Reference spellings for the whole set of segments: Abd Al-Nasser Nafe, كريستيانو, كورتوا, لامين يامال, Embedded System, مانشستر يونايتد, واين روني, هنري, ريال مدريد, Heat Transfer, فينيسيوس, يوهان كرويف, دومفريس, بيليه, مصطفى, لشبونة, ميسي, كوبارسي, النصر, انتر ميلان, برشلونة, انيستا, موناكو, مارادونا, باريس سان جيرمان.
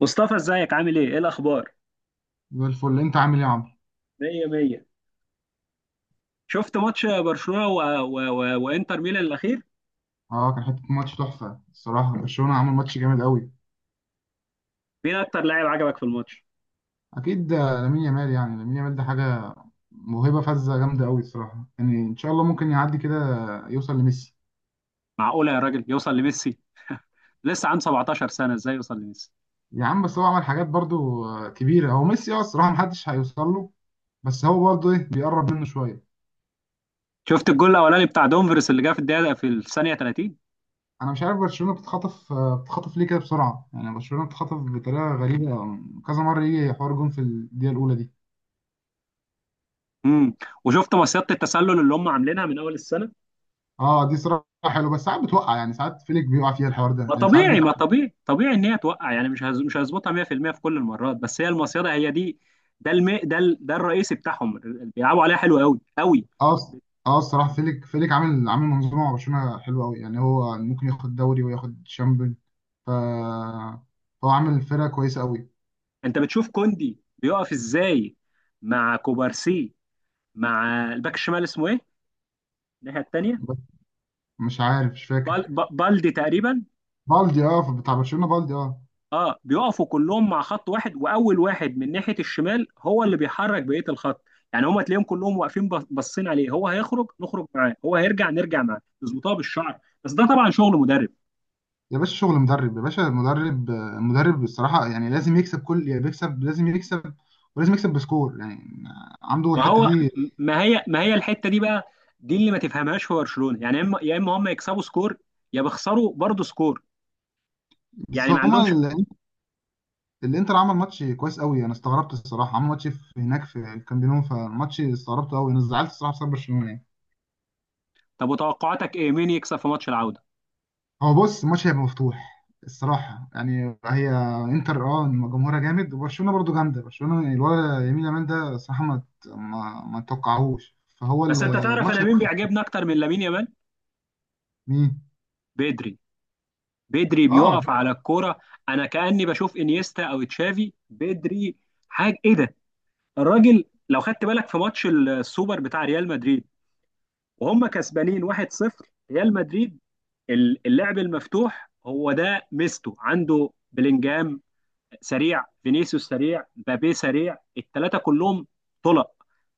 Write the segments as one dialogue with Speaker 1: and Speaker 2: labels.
Speaker 1: مصطفى، ازيك؟ عامل ايه؟ ايه الاخبار؟
Speaker 2: زي الفل انت عامل ايه يا عمرو؟
Speaker 1: مية مية. شفت ماتش برشلونة وانتر ميلان الاخير؟
Speaker 2: اه كان حته ماتش تحفه الصراحه برشلونه عمل ماتش جامد قوي.
Speaker 1: مين اكتر لاعب عجبك في الماتش؟
Speaker 2: اكيد لامين يامال يعني لامين يامال ده حاجه. موهبه فذه جامده قوي الصراحه يعني ان شاء الله ممكن يعدي كده يوصل لميسي.
Speaker 1: معقولة يا راجل يوصل لميسي؟ لسه عنده 17 سنة، ازاي يوصل لميسي؟
Speaker 2: يا عم بس هو عمل حاجات برضو كبيره. هو ميسي الصراحه محدش هيوصل له. بس هو برضو ايه بيقرب منه شويه.
Speaker 1: شفت الجول الاولاني بتاع دومفريس اللي جه في الدقيقة، في الثانية 30؟
Speaker 2: انا مش عارف برشلونه بتخطف ليه كده بسرعه يعني برشلونه بتخطف بطريقه غريبه. كذا مره يجي حوار جون في الدقيقه الاولى دي.
Speaker 1: امم. وشفت مصيدة التسلل اللي هم عاملينها من اول السنة؟
Speaker 2: اه دي صراحه حلو بس ساعات بتوقع يعني ساعات فيليك بيقع فيها الحوار ده
Speaker 1: ما
Speaker 2: يعني ساعات.
Speaker 1: طبيعي ما طبيعي طبيعي ان هي توقع، يعني مش هظبطها 100% في كل المرات، بس هي المصيدة هي دي. ده الم... ده ال... ده الرئيسي بتاعهم. بيلعبوا عليها حلو قوي قوي.
Speaker 2: اه الص- اه الصراحه فيليك عامل منظومه مع برشلونه حلوه قوي يعني هو ممكن ياخد دوري وياخد شامبيون. ف هو عامل فرقه كويسه قوي.
Speaker 1: انت بتشوف كوندي بيقف ازاي مع كوبارسي، مع الباك الشمال اسمه ايه، الناحيه التانيه؟
Speaker 2: بس مش عارف مش فاكر.
Speaker 1: بالدي تقريبا.
Speaker 2: بالدي بتاع برشلونه بالدي اه.
Speaker 1: اه، بيقفوا كلهم مع خط واحد، واول واحد من ناحيه الشمال هو اللي بيحرك بقيه الخط. يعني هما تلاقيهم كلهم واقفين باصين عليه، هو هيخرج نخرج معاه، هو هيرجع نرجع معاه، يظبطوها بالشعر. بس ده طبعا شغل مدرب.
Speaker 2: يا باشا شغل مدرب يا باشا مدرب الصراحه يعني لازم يكسب كل يعني بيكسب لازم يكسب ولازم يكسب بسكور يعني عنده
Speaker 1: ما
Speaker 2: الحته
Speaker 1: هو.
Speaker 2: دي.
Speaker 1: ما هي الحته دي بقى. دي اللي ما تفهمهاش في برشلونه، يعني يا اما هم يكسبوا سكور، يا بيخسروا برضه سكور.
Speaker 2: بس
Speaker 1: يعني ما
Speaker 2: هما
Speaker 1: عندهمش.
Speaker 2: ال- الانتر عمل ماتش كويس قوي انا استغربت الصراحه عمل ماتش في هناك في الكامب نو فماتش استغربته قوي انا زعلت الصراحه بسبب برشلونه يعني.
Speaker 1: طب، وتوقعاتك ايه؟ مين يكسب في ماتش العودة؟
Speaker 2: هو بص الماتش هيبقى مفتوح الصراحه يعني هي انتر إن جمهورها جامد وبرشلونه برضو جامده برشلونه الولد يمين يامال ده صراحه ما توقعهوش فهو
Speaker 1: بس انت تعرف،
Speaker 2: الماتش
Speaker 1: انا مين
Speaker 2: هيبقى.
Speaker 1: بيعجبني اكتر من لامين يامال؟
Speaker 2: مين.
Speaker 1: بدري. بدري
Speaker 2: اه
Speaker 1: بيقف على الكورة. انا كأني بشوف انيستا او تشافي. بدري، حاجة، ايه ده! الراجل، لو خدت بالك في ماتش السوبر بتاع ريال مدريد، وهم كسبانين 1-0، ريال مدريد. اللعب المفتوح هو ده ميزته. عنده بلينجهام سريع، فينيسيوس سريع، مبابي سريع، الثلاثه كلهم طلق.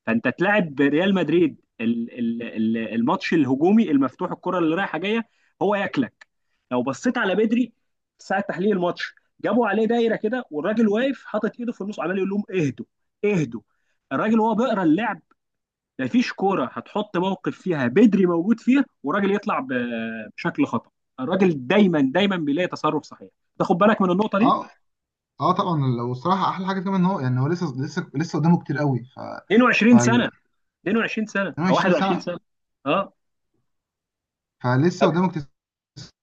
Speaker 1: فانت تلعب ريال مدريد، الماتش الهجومي المفتوح، الكره اللي رايحه جايه، هو ياكلك. لو بصيت على بدري ساعه تحليل الماتش، جابوا عليه دايره كده، والراجل واقف حاطط ايده في النص، عمال يقول لهم اهدوا، اهدوا. الراجل وهو بيقرا اللعب، مفيش كوره هتحط موقف فيها بدري موجود فيها والراجل يطلع بشكل خطا. الراجل دايما دايما بيلاقي تصرف صحيح. تاخد بالك من النقطه دي.
Speaker 2: اه اه طبعا والصراحه احلى حاجه كمان ان هو لسه لسه لسه قدامه كتير قوي. ف ف
Speaker 1: 22 سنه. 22 سنه، او
Speaker 2: 22
Speaker 1: 21
Speaker 2: سنه.
Speaker 1: سنه. اه.
Speaker 2: فلسه
Speaker 1: طب،
Speaker 2: قدامه كتير.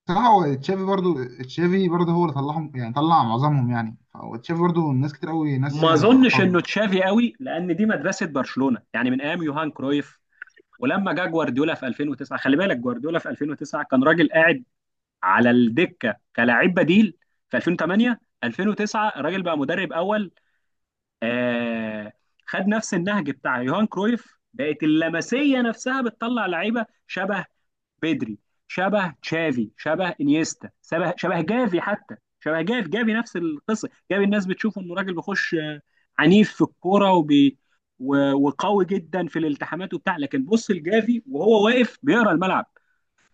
Speaker 2: صراحه هو تشافي برضو هو اللي طلعهم يعني طلع معظمهم يعني فهو تشافي برضو ناس كتير قوي
Speaker 1: ما
Speaker 2: ناسيه
Speaker 1: اظنش انه
Speaker 2: فضله.
Speaker 1: تشافي قوي، لان دي مدرسه برشلونه، يعني من ايام يوهان كرويف. ولما جه جوارديولا في 2009، خلي بالك، جوارديولا في 2009 كان راجل قاعد على الدكه كلاعب بديل. في 2008، 2009 الراجل بقى مدرب اول. آه خد نفس النهج بتاع يوهان كرويف، بقت اللمسيه نفسها بتطلع لعيبه شبه بدري، شبه تشافي، شبه انيستا، شبه جافي حتى. شبه جافي. جافي نفس القصه. جافي الناس بتشوفه انه راجل بيخش عنيف في الكوره، وقوي جدا في الالتحامات وبتاع. لكن بص، الجافي وهو واقف بيقرا الملعب،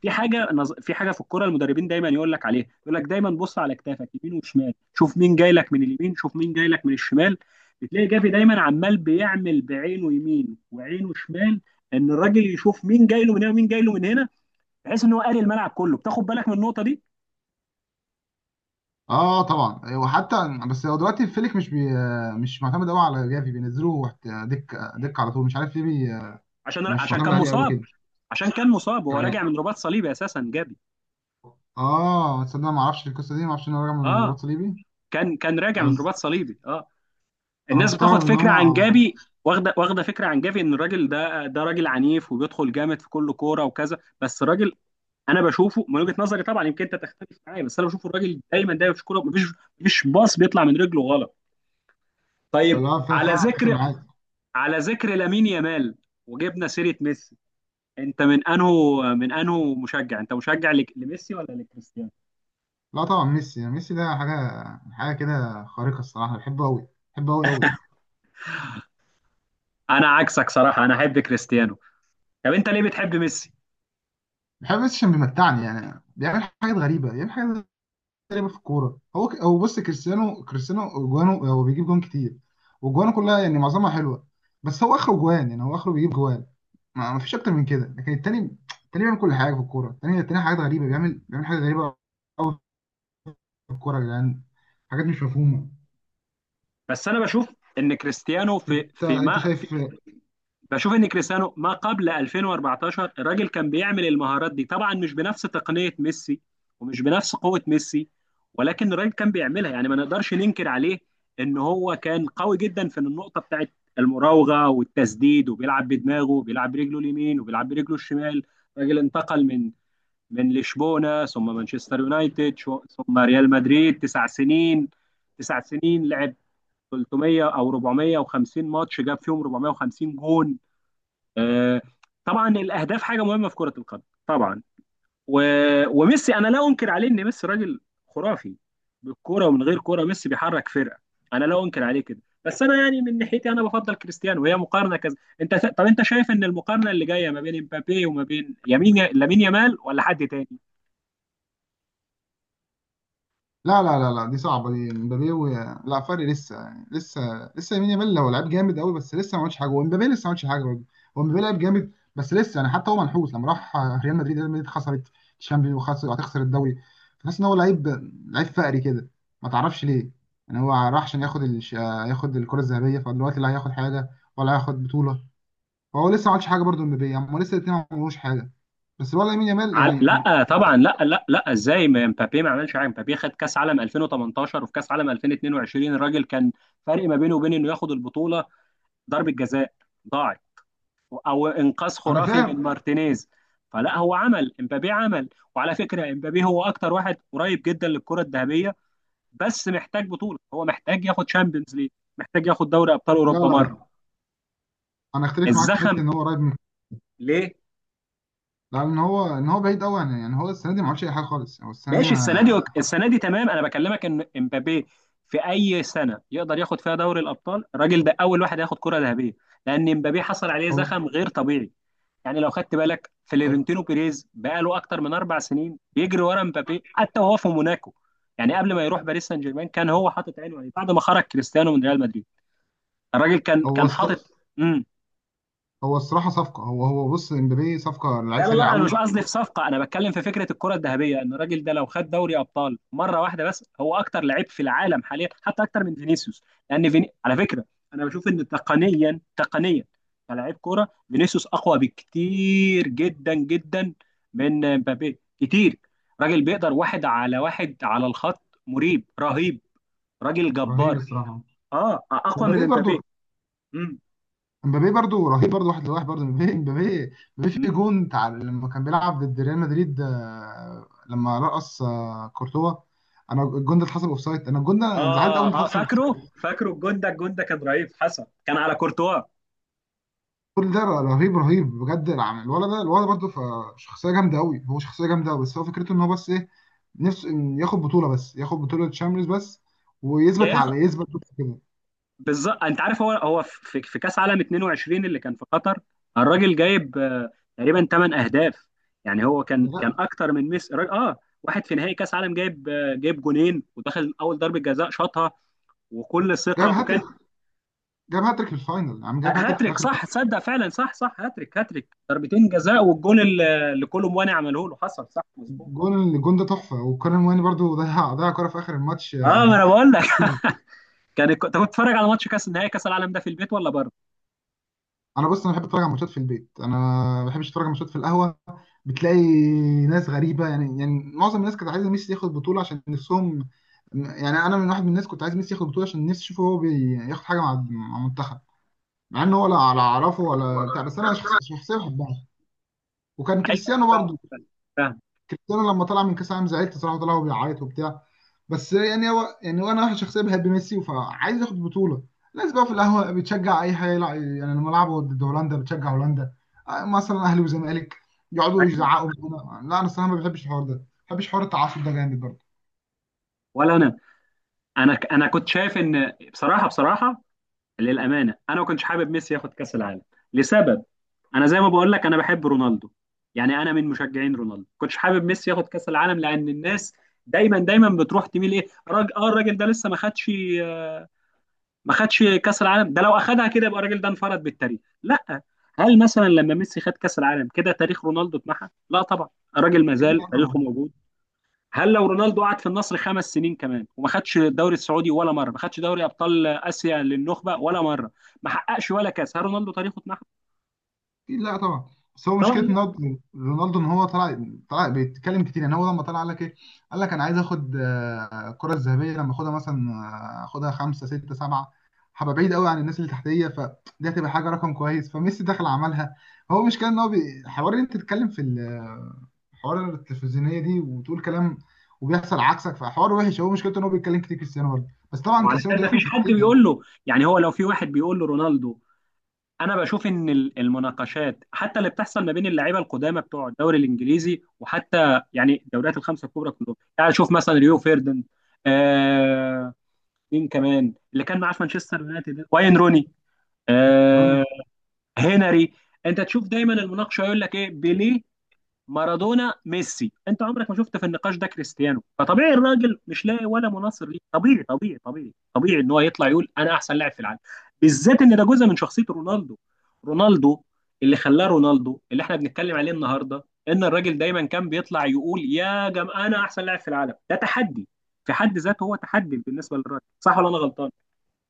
Speaker 1: في حاجه في الكوره المدربين دايما يقول لك عليها، يقول لك دايما بص على كتافك يمين وشمال، شوف مين جاي لك من اليمين، شوف مين جاي لك من الشمال. بتلاقي جافي دايما عمال بيعمل بعينه يمين وعينه شمال، ان الراجل يشوف مين جاي له من هنا ومين جاي له من هنا، بحيث ان هو قاري الملعب كله. بتاخد بالك من النقطه دي.
Speaker 2: اه طبعا وحتى بس هو دلوقتي فليك مش معتمد قوي على جافي بينزلوه دك دك على طول مش عارف ليه
Speaker 1: عشان
Speaker 2: مش
Speaker 1: عشان
Speaker 2: معتمد
Speaker 1: كان
Speaker 2: عليه قوي
Speaker 1: مصاب.
Speaker 2: كده
Speaker 1: عشان كان مصاب، هو راجع
Speaker 2: يعني.
Speaker 1: من رباط صليبي اساسا، جابي.
Speaker 2: اه تصدق ما اعرفش القصه دي ما اعرفش ان هو راجع من الرباط
Speaker 1: اه،
Speaker 2: الصليبي.
Speaker 1: كان راجع من
Speaker 2: بس
Speaker 1: رباط صليبي، اه.
Speaker 2: انا
Speaker 1: الناس بتاخد
Speaker 2: مستغرب ان
Speaker 1: فكره
Speaker 2: هو
Speaker 1: عن جابي، واخده فكره عن جافي، ان الراجل ده راجل عنيف وبيدخل جامد في كل كوره وكذا. بس الراجل، انا بشوفه من وجهه نظري طبعا، يمكن انت تختلف معايا، بس انا بشوف الراجل دايما دايما في كوره، مفيش باص بيطلع من رجله غلط. طيب،
Speaker 2: لا
Speaker 1: على
Speaker 2: فعلا اتفق
Speaker 1: ذكر
Speaker 2: معاك.
Speaker 1: على ذكر لامين يامال، وجبنا سيره ميسي، انت من انهو مشجع؟ انت مشجع لميسي ولا لكريستيانو؟
Speaker 2: لا طبعا ميسي يعني ميسي ده حاجه. حاجه كده خارقه الصراحه بحبه قوي بحبه قوي قوي.
Speaker 1: انا عكسك صراحه، انا احب كريستيانو. طب انت ليه بتحب ميسي؟
Speaker 2: بحب ميسي عشان بيمتعني يعني بيعمل حاجات غريبه بيعمل حاجات تقريبا في الكوره هو هو بص كريستيانو جوانه هو بيجيب جوان كتير وجوانه كلها يعني معظمها حلوه بس هو اخره جوان يعني هو اخره بيجيب جوان ما فيش اكتر من كده. لكن التاني التاني بيعمل كل حاجه في الكوره التاني التاني حاجات غريبه بيعمل حاجات غريبه قوي في الكوره يا جدعان حاجات مش مفهومه.
Speaker 1: بس انا بشوف ان كريستيانو
Speaker 2: انت انت شايف.
Speaker 1: ما قبل 2014، الراجل كان بيعمل المهارات دي، طبعا مش بنفس تقنيه ميسي ومش بنفس قوه ميسي، ولكن الراجل كان بيعملها. يعني ما نقدرش ننكر عليه ان هو كان قوي جدا في النقطه بتاعت المراوغه والتسديد، وبيلعب بدماغه، وبيلعب برجله اليمين، وبيلعب برجله الشمال. راجل انتقل من لشبونة، ثم مانشستر يونايتد، ثم ريال مدريد، تسع سنين. لعب 300 او 450 ماتش، جاب فيهم 450 جون. آه، طبعا الاهداف حاجه مهمه في كره القدم، طبعا. وميسي، انا لا انكر عليه ان ميسي راجل خرافي بالكوره، ومن غير كوره ميسي بيحرك فرقه، انا لا انكر عليه كده. بس انا يعني من ناحيتي انا بفضل كريستيانو، وهي مقارنه كذا. طب انت شايف ان المقارنه اللي جايه ما بين امبابي وما بين لامين يامال، ولا حد تاني؟
Speaker 2: لا لا لا لا دي صعبه. دي مبابي لا فرق لسه يعني لسه. لسه يمين يامال هو لعيب جامد قوي بس لسه ما عملش حاجه ومبابي لسه ما عملش حاجه برضه. هو مبابي لعيب جامد بس لسه يعني حتى هو منحوس لما راح ريال مدريد. ريال مدريد خسرت الشامبيونز وخسر وهتخسر الدوري. تحس ان هو لعيب فقري كده ما تعرفش ليه. يعني هو راح عشان ياخد ياخد الكره الذهبيه فدلوقتي لا هياخد حاجه ولا هياخد بطوله. فهو لسه ما عملش حاجه برضه مبابي يعني هما لسه الاثنين ما عملوش حاجه بس الولد يمين يامال يعني.
Speaker 1: لا، طبعا لا لا لا، ازاي؟ مبابي ما عملش حاجه؟ مبابي خد كاس عالم 2018، وفي كاس عالم 2022 الراجل كان فرق ما بينه وبين انه ياخد البطوله ضربه جزاء ضاعت، او انقاذ
Speaker 2: انا
Speaker 1: خرافي من
Speaker 2: فاهم.
Speaker 1: مارتينيز. فلا، هو عمل، مبابي عمل. وعلى فكره، مبابي هو اكتر واحد قريب جدا للكره الذهبيه، بس محتاج بطوله، هو محتاج ياخد شامبيونز ليج، محتاج ياخد دوري ابطال
Speaker 2: لا
Speaker 1: اوروبا
Speaker 2: لا لا
Speaker 1: مره.
Speaker 2: انا اختلف معاك في حته
Speaker 1: الزخم،
Speaker 2: ان هو قريب.
Speaker 1: ليه؟
Speaker 2: لا ان هو بعيد قوي عن، يعني هو السنه دي ما عملش اي حاجه خالص يعني هو السنه دي
Speaker 1: ماشي، السنه دي،
Speaker 2: ما.
Speaker 1: السنه دي تمام، انا بكلمك ان امبابي في اي سنه يقدر ياخد فيها دوري الابطال، الراجل ده اول واحد هياخد كره ذهبيه. لان امبابي حصل عليه
Speaker 2: هو
Speaker 1: زخم غير طبيعي، يعني لو خدت بالك
Speaker 2: هو-
Speaker 1: فلورنتينو بيريز بقاله اكتر من اربع سنين بيجري ورا امبابي، حتى وهو في موناكو، يعني قبل ما يروح باريس سان جيرمان كان هو حاطط عينه عليه. بعد ما خرج كريستيانو من ريال مدريد، الراجل كان
Speaker 2: هو
Speaker 1: كان
Speaker 2: صف-
Speaker 1: حاطط امم
Speaker 2: هو الصراحه صفقه. هو بص امبابي صفقه
Speaker 1: لا
Speaker 2: لعيب
Speaker 1: لا
Speaker 2: سريع
Speaker 1: لا، انا مش
Speaker 2: قوي.
Speaker 1: قصدي في صفقه، انا بتكلم في فكره الكره الذهبيه، ان الراجل ده لو خد دوري ابطال مره واحده بس، هو اكتر لعيب في العالم حاليا، حتى اكتر من فينيسيوس. لان على فكره، انا بشوف ان تقنيا كلاعب كوره فينيسيوس اقوى بكتير جدا جدا من مبابي، كتير. راجل بيقدر واحد على واحد على الخط، مريب، رهيب، راجل
Speaker 2: رهيب
Speaker 1: جبار.
Speaker 2: الصراحه.
Speaker 1: اه، اقوى من
Speaker 2: ومبابي
Speaker 1: مبابي.
Speaker 2: برضو
Speaker 1: مم.
Speaker 2: امبابي برضو رهيب برضو واحد لواحد برضو امبابي امبابي
Speaker 1: مم.
Speaker 2: في جون بتاع لما كان بيلعب ضد ريال مدريد لما رقص كورتوا. انا الجون ده اتحسب اوفسايد انا الجون ده أنا زعلت قوي ان
Speaker 1: اه اه،
Speaker 2: اتحسب.
Speaker 1: فاكره. فاكره الجون ده، الجون ده كان رهيب، حصل كان على كورتوا.
Speaker 2: كل ده رهيب رهيب بجد الولد ده الولد برضه فشخصية جامدة أوي هو شخصية جامدة أوي. بس هو فكرته إن هو بس إيه نفسه إن ياخد بطولة بس ياخد بطولة تشامبيونز بس ويثبت
Speaker 1: يا
Speaker 2: يثبت بس كده.
Speaker 1: بالظبط، انت عارف، هو في كاس عالم 22 اللي كان في قطر، الراجل جايب تقريبا 8 اهداف، يعني هو كان
Speaker 2: ده
Speaker 1: كان اكتر من ميسي. اه، واحد في نهائي كاس عالم، جايب جونين، ودخل اول ضربه جزاء شاطها وكل
Speaker 2: جاب
Speaker 1: ثقه، وكان
Speaker 2: هاتريك جاب هاتريك في الفاينل عم جاب هاتريك في
Speaker 1: هاتريك،
Speaker 2: آخر.
Speaker 1: صح. تصدق فعلا، صح صح، هاتريك، هاتريك، ضربتين جزاء، والجون اللي كولو مواني عمله له، حصل، صح مظبوط.
Speaker 2: الجون ده تحفة وكارن واني برضه ضيع كورة في آخر الماتش
Speaker 1: اه، ما انا بقول لك. كان انت كنت بتتفرج على ماتش كاس نهائي كاس العالم ده في البيت، ولا بره؟
Speaker 2: أنا بص أنا بحب أتفرج على ماتشات في البيت أنا. ما بحبش أتفرج على ماتشات في القهوة. بتلاقي ناس غريبه يعني معظم الناس كانت عايزه ميسي ياخد بطوله عشان نفسهم. يعني انا من واحد من الناس كنت عايز ميسي ياخد بطوله عشان نفسي اشوفه هو بياخد حاجه مع المنتخب مع ان هو لا ولا اعرفه ولا بتاع بس انا شخصيا بحبها. وكان
Speaker 1: ايوه،
Speaker 2: كريستيانو
Speaker 1: فاهم،
Speaker 2: برضو
Speaker 1: فاهم، فاهم.
Speaker 2: كريستيانو لما طلع من كاس العالم زعلت صراحه طلع وهو بيعيط وبتاع. بس يعني هو انا واحد شخصيا بحب ميسي فعايز ياخد بطوله. الناس بقى في القهوه بتشجع اي حاجه يلعب يعني لما لعبوا ضد هولندا بتشجع هولندا مثلا اهلي وزمالك يقعدوا
Speaker 1: أيوة.
Speaker 2: يزعقوا. لا انا الصراحه ما بحبش الحوار ده ما بحبش حوار التعصب ده جامد.
Speaker 1: ولا انا كنت شايف ان، بصراحه، للامانه انا ما كنتش حابب ميسي ياخد كاس العالم. لسبب، انا زي ما بقول لك، انا بحب رونالدو، يعني انا من مشجعين رونالدو. ما كنتش حابب ميسي ياخد كاس العالم، لان الناس دايما دايما بتروح تميل، ايه راجل، اه الراجل ده لسه آه، ما خدش كاس العالم، ده لو اخدها كده يبقى الراجل ده انفرد بالتاريخ. لا، هل مثلا لما ميسي خد كاس العالم كده، تاريخ رونالدو اتمحى؟ لا طبعا، الراجل ما زال تاريخه
Speaker 2: برضه
Speaker 1: موجود. هل لو رونالدو قعد في النصر خمس سنين كمان وما خدش الدوري السعودي ولا مره، ما خدش دوري ابطال اسيا للنخبه ولا مره، ما حققش ولا كاس، هل رونالدو تاريخه اتمحى؟
Speaker 2: لا طبعا بس هو
Speaker 1: طبعا
Speaker 2: مشكله
Speaker 1: لا.
Speaker 2: رونالدو رونالدو ان هو طلع بيتكلم كتير يعني هو لما طلع قال لك ايه قال لك انا عايز اخد الكره الذهبيه لما اخدها مثلا اخدها خمسه سته سبعه هبقى بعيد قوي عن الناس اللي تحتيه فدي هتبقى حاجه رقم كويس فميسي دخل عملها. هو مشكله ان هو حوار ان انت تتكلم في حوار التلفزيونيه دي وتقول كلام وبيحصل عكسك فحوار وحش. هو مشكلته ان هو بيتكلم كتير كريستيانو برضه بس طبعا كريستيانو
Speaker 1: وعلشان ما
Speaker 2: تاريخه مش
Speaker 1: فيش حد
Speaker 2: كتير يعني.
Speaker 1: بيقول له، يعني هو لو في واحد بيقول له، رونالدو. انا بشوف ان المناقشات حتى اللي بتحصل ما بين اللعيبه القدامى بتوع الدوري الانجليزي، وحتى يعني الدوريات الخمسه الكبرى كلهم، يعني شوف مثلا ريو فيردن، آه مين كمان اللي كان معاه في مانشستر يونايتد، واين روني، آه،
Speaker 2: روني-
Speaker 1: هنري، انت تشوف دايما المناقشه يقول لك ايه؟ بيليه، مارادونا، ميسي. انت عمرك ما شفت في النقاش ده كريستيانو. فطبيعي الراجل مش لاقي ولا مناصر ليه، طبيعي ان هو يطلع يقول انا احسن لاعب في العالم، بالذات ان ده جزء من شخصيه رونالدو. رونالدو اللي خلاه رونالدو اللي احنا بنتكلم عليه النهارده، ان الراجل دايما كان بيطلع يقول يا جماعه انا احسن لاعب في العالم. ده تحدي في حد ذاته، هو تحدي بالنسبه للراجل، صح ولا انا غلطان؟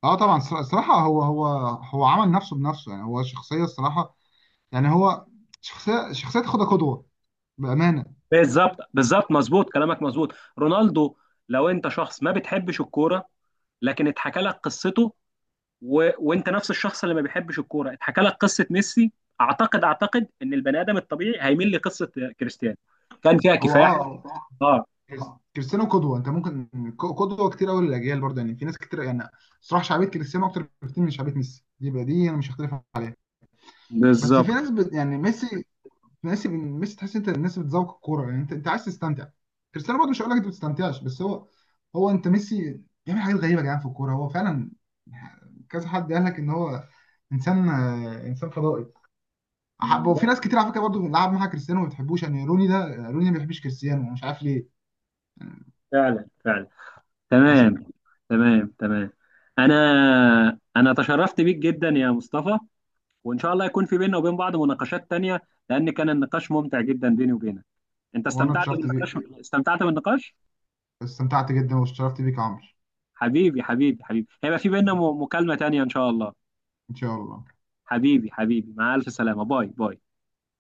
Speaker 2: اه طبعا الصراحه هو عمل نفسه بنفسه يعني هو شخصيه الصراحه يعني هو شخصيه تاخدها قدوه بامانه.
Speaker 1: بالظبط، بالظبط، مظبوط كلامك، مظبوط. رونالدو، لو انت شخص ما بتحبش الكوره، لكن اتحكى لك قصته، وانت نفس الشخص اللي ما بيحبش الكوره، اتحكى لك قصه ميسي، اعتقد، ان البني ادم الطبيعي هيميل لقصه كريستيانو، كان فيها
Speaker 2: هو
Speaker 1: كفاح.
Speaker 2: اه
Speaker 1: اه،
Speaker 2: كريس- كريستيانو قدوه انت ممكن قدوه كتير قوي للاجيال برضه يعني في ناس كتير يعني صراحه شعبيه كريستيانو اكتر بكتير من شعبيه ميسي دي بقى دي انا مش هختلف عنها. بس
Speaker 1: بالظبط.
Speaker 2: في ناس بت يعني ميسي تحس انت الناس بتذوق الكوره يعني انت عايز تستمتع. كريستيانو برضه مش هقول لك انت ما بتستمتعش بس هو انت ميسي بيعمل حاجات غريبه يا جدعان في الكوره هو فعلا. كذا حد قال لك ان هو انسان انسان فضائي. أحب وفي
Speaker 1: ده
Speaker 2: ناس كتير على فكره برضه بنلعب معاها كريستيانو ما بتحبوش يعني روني ده روني ما بيحبش كريستيانو مش عارف ليه يعني.
Speaker 1: فعلا فعلا،
Speaker 2: عشان
Speaker 1: تمام تمام تمام. انا انا تشرفت بيك جدا يا مصطفى، وان شاء الله يكون في بيننا وبين بعض مناقشات تانية، لان كان النقاش ممتع جدا بيني وبينك. انت
Speaker 2: وانا
Speaker 1: استمتعت
Speaker 2: اتشرفت بيك
Speaker 1: بالنقاش، استمتعت بالنقاش.
Speaker 2: استمتعت جدا واتشرفت بيك يا عمرو
Speaker 1: حبيبي، حبيبي، حبيبي، هيبقى في بيننا مكالمة تانية ان شاء الله.
Speaker 2: ان شاء الله
Speaker 1: حبيبي، حبيبي، مع الف سلامة، باي باي.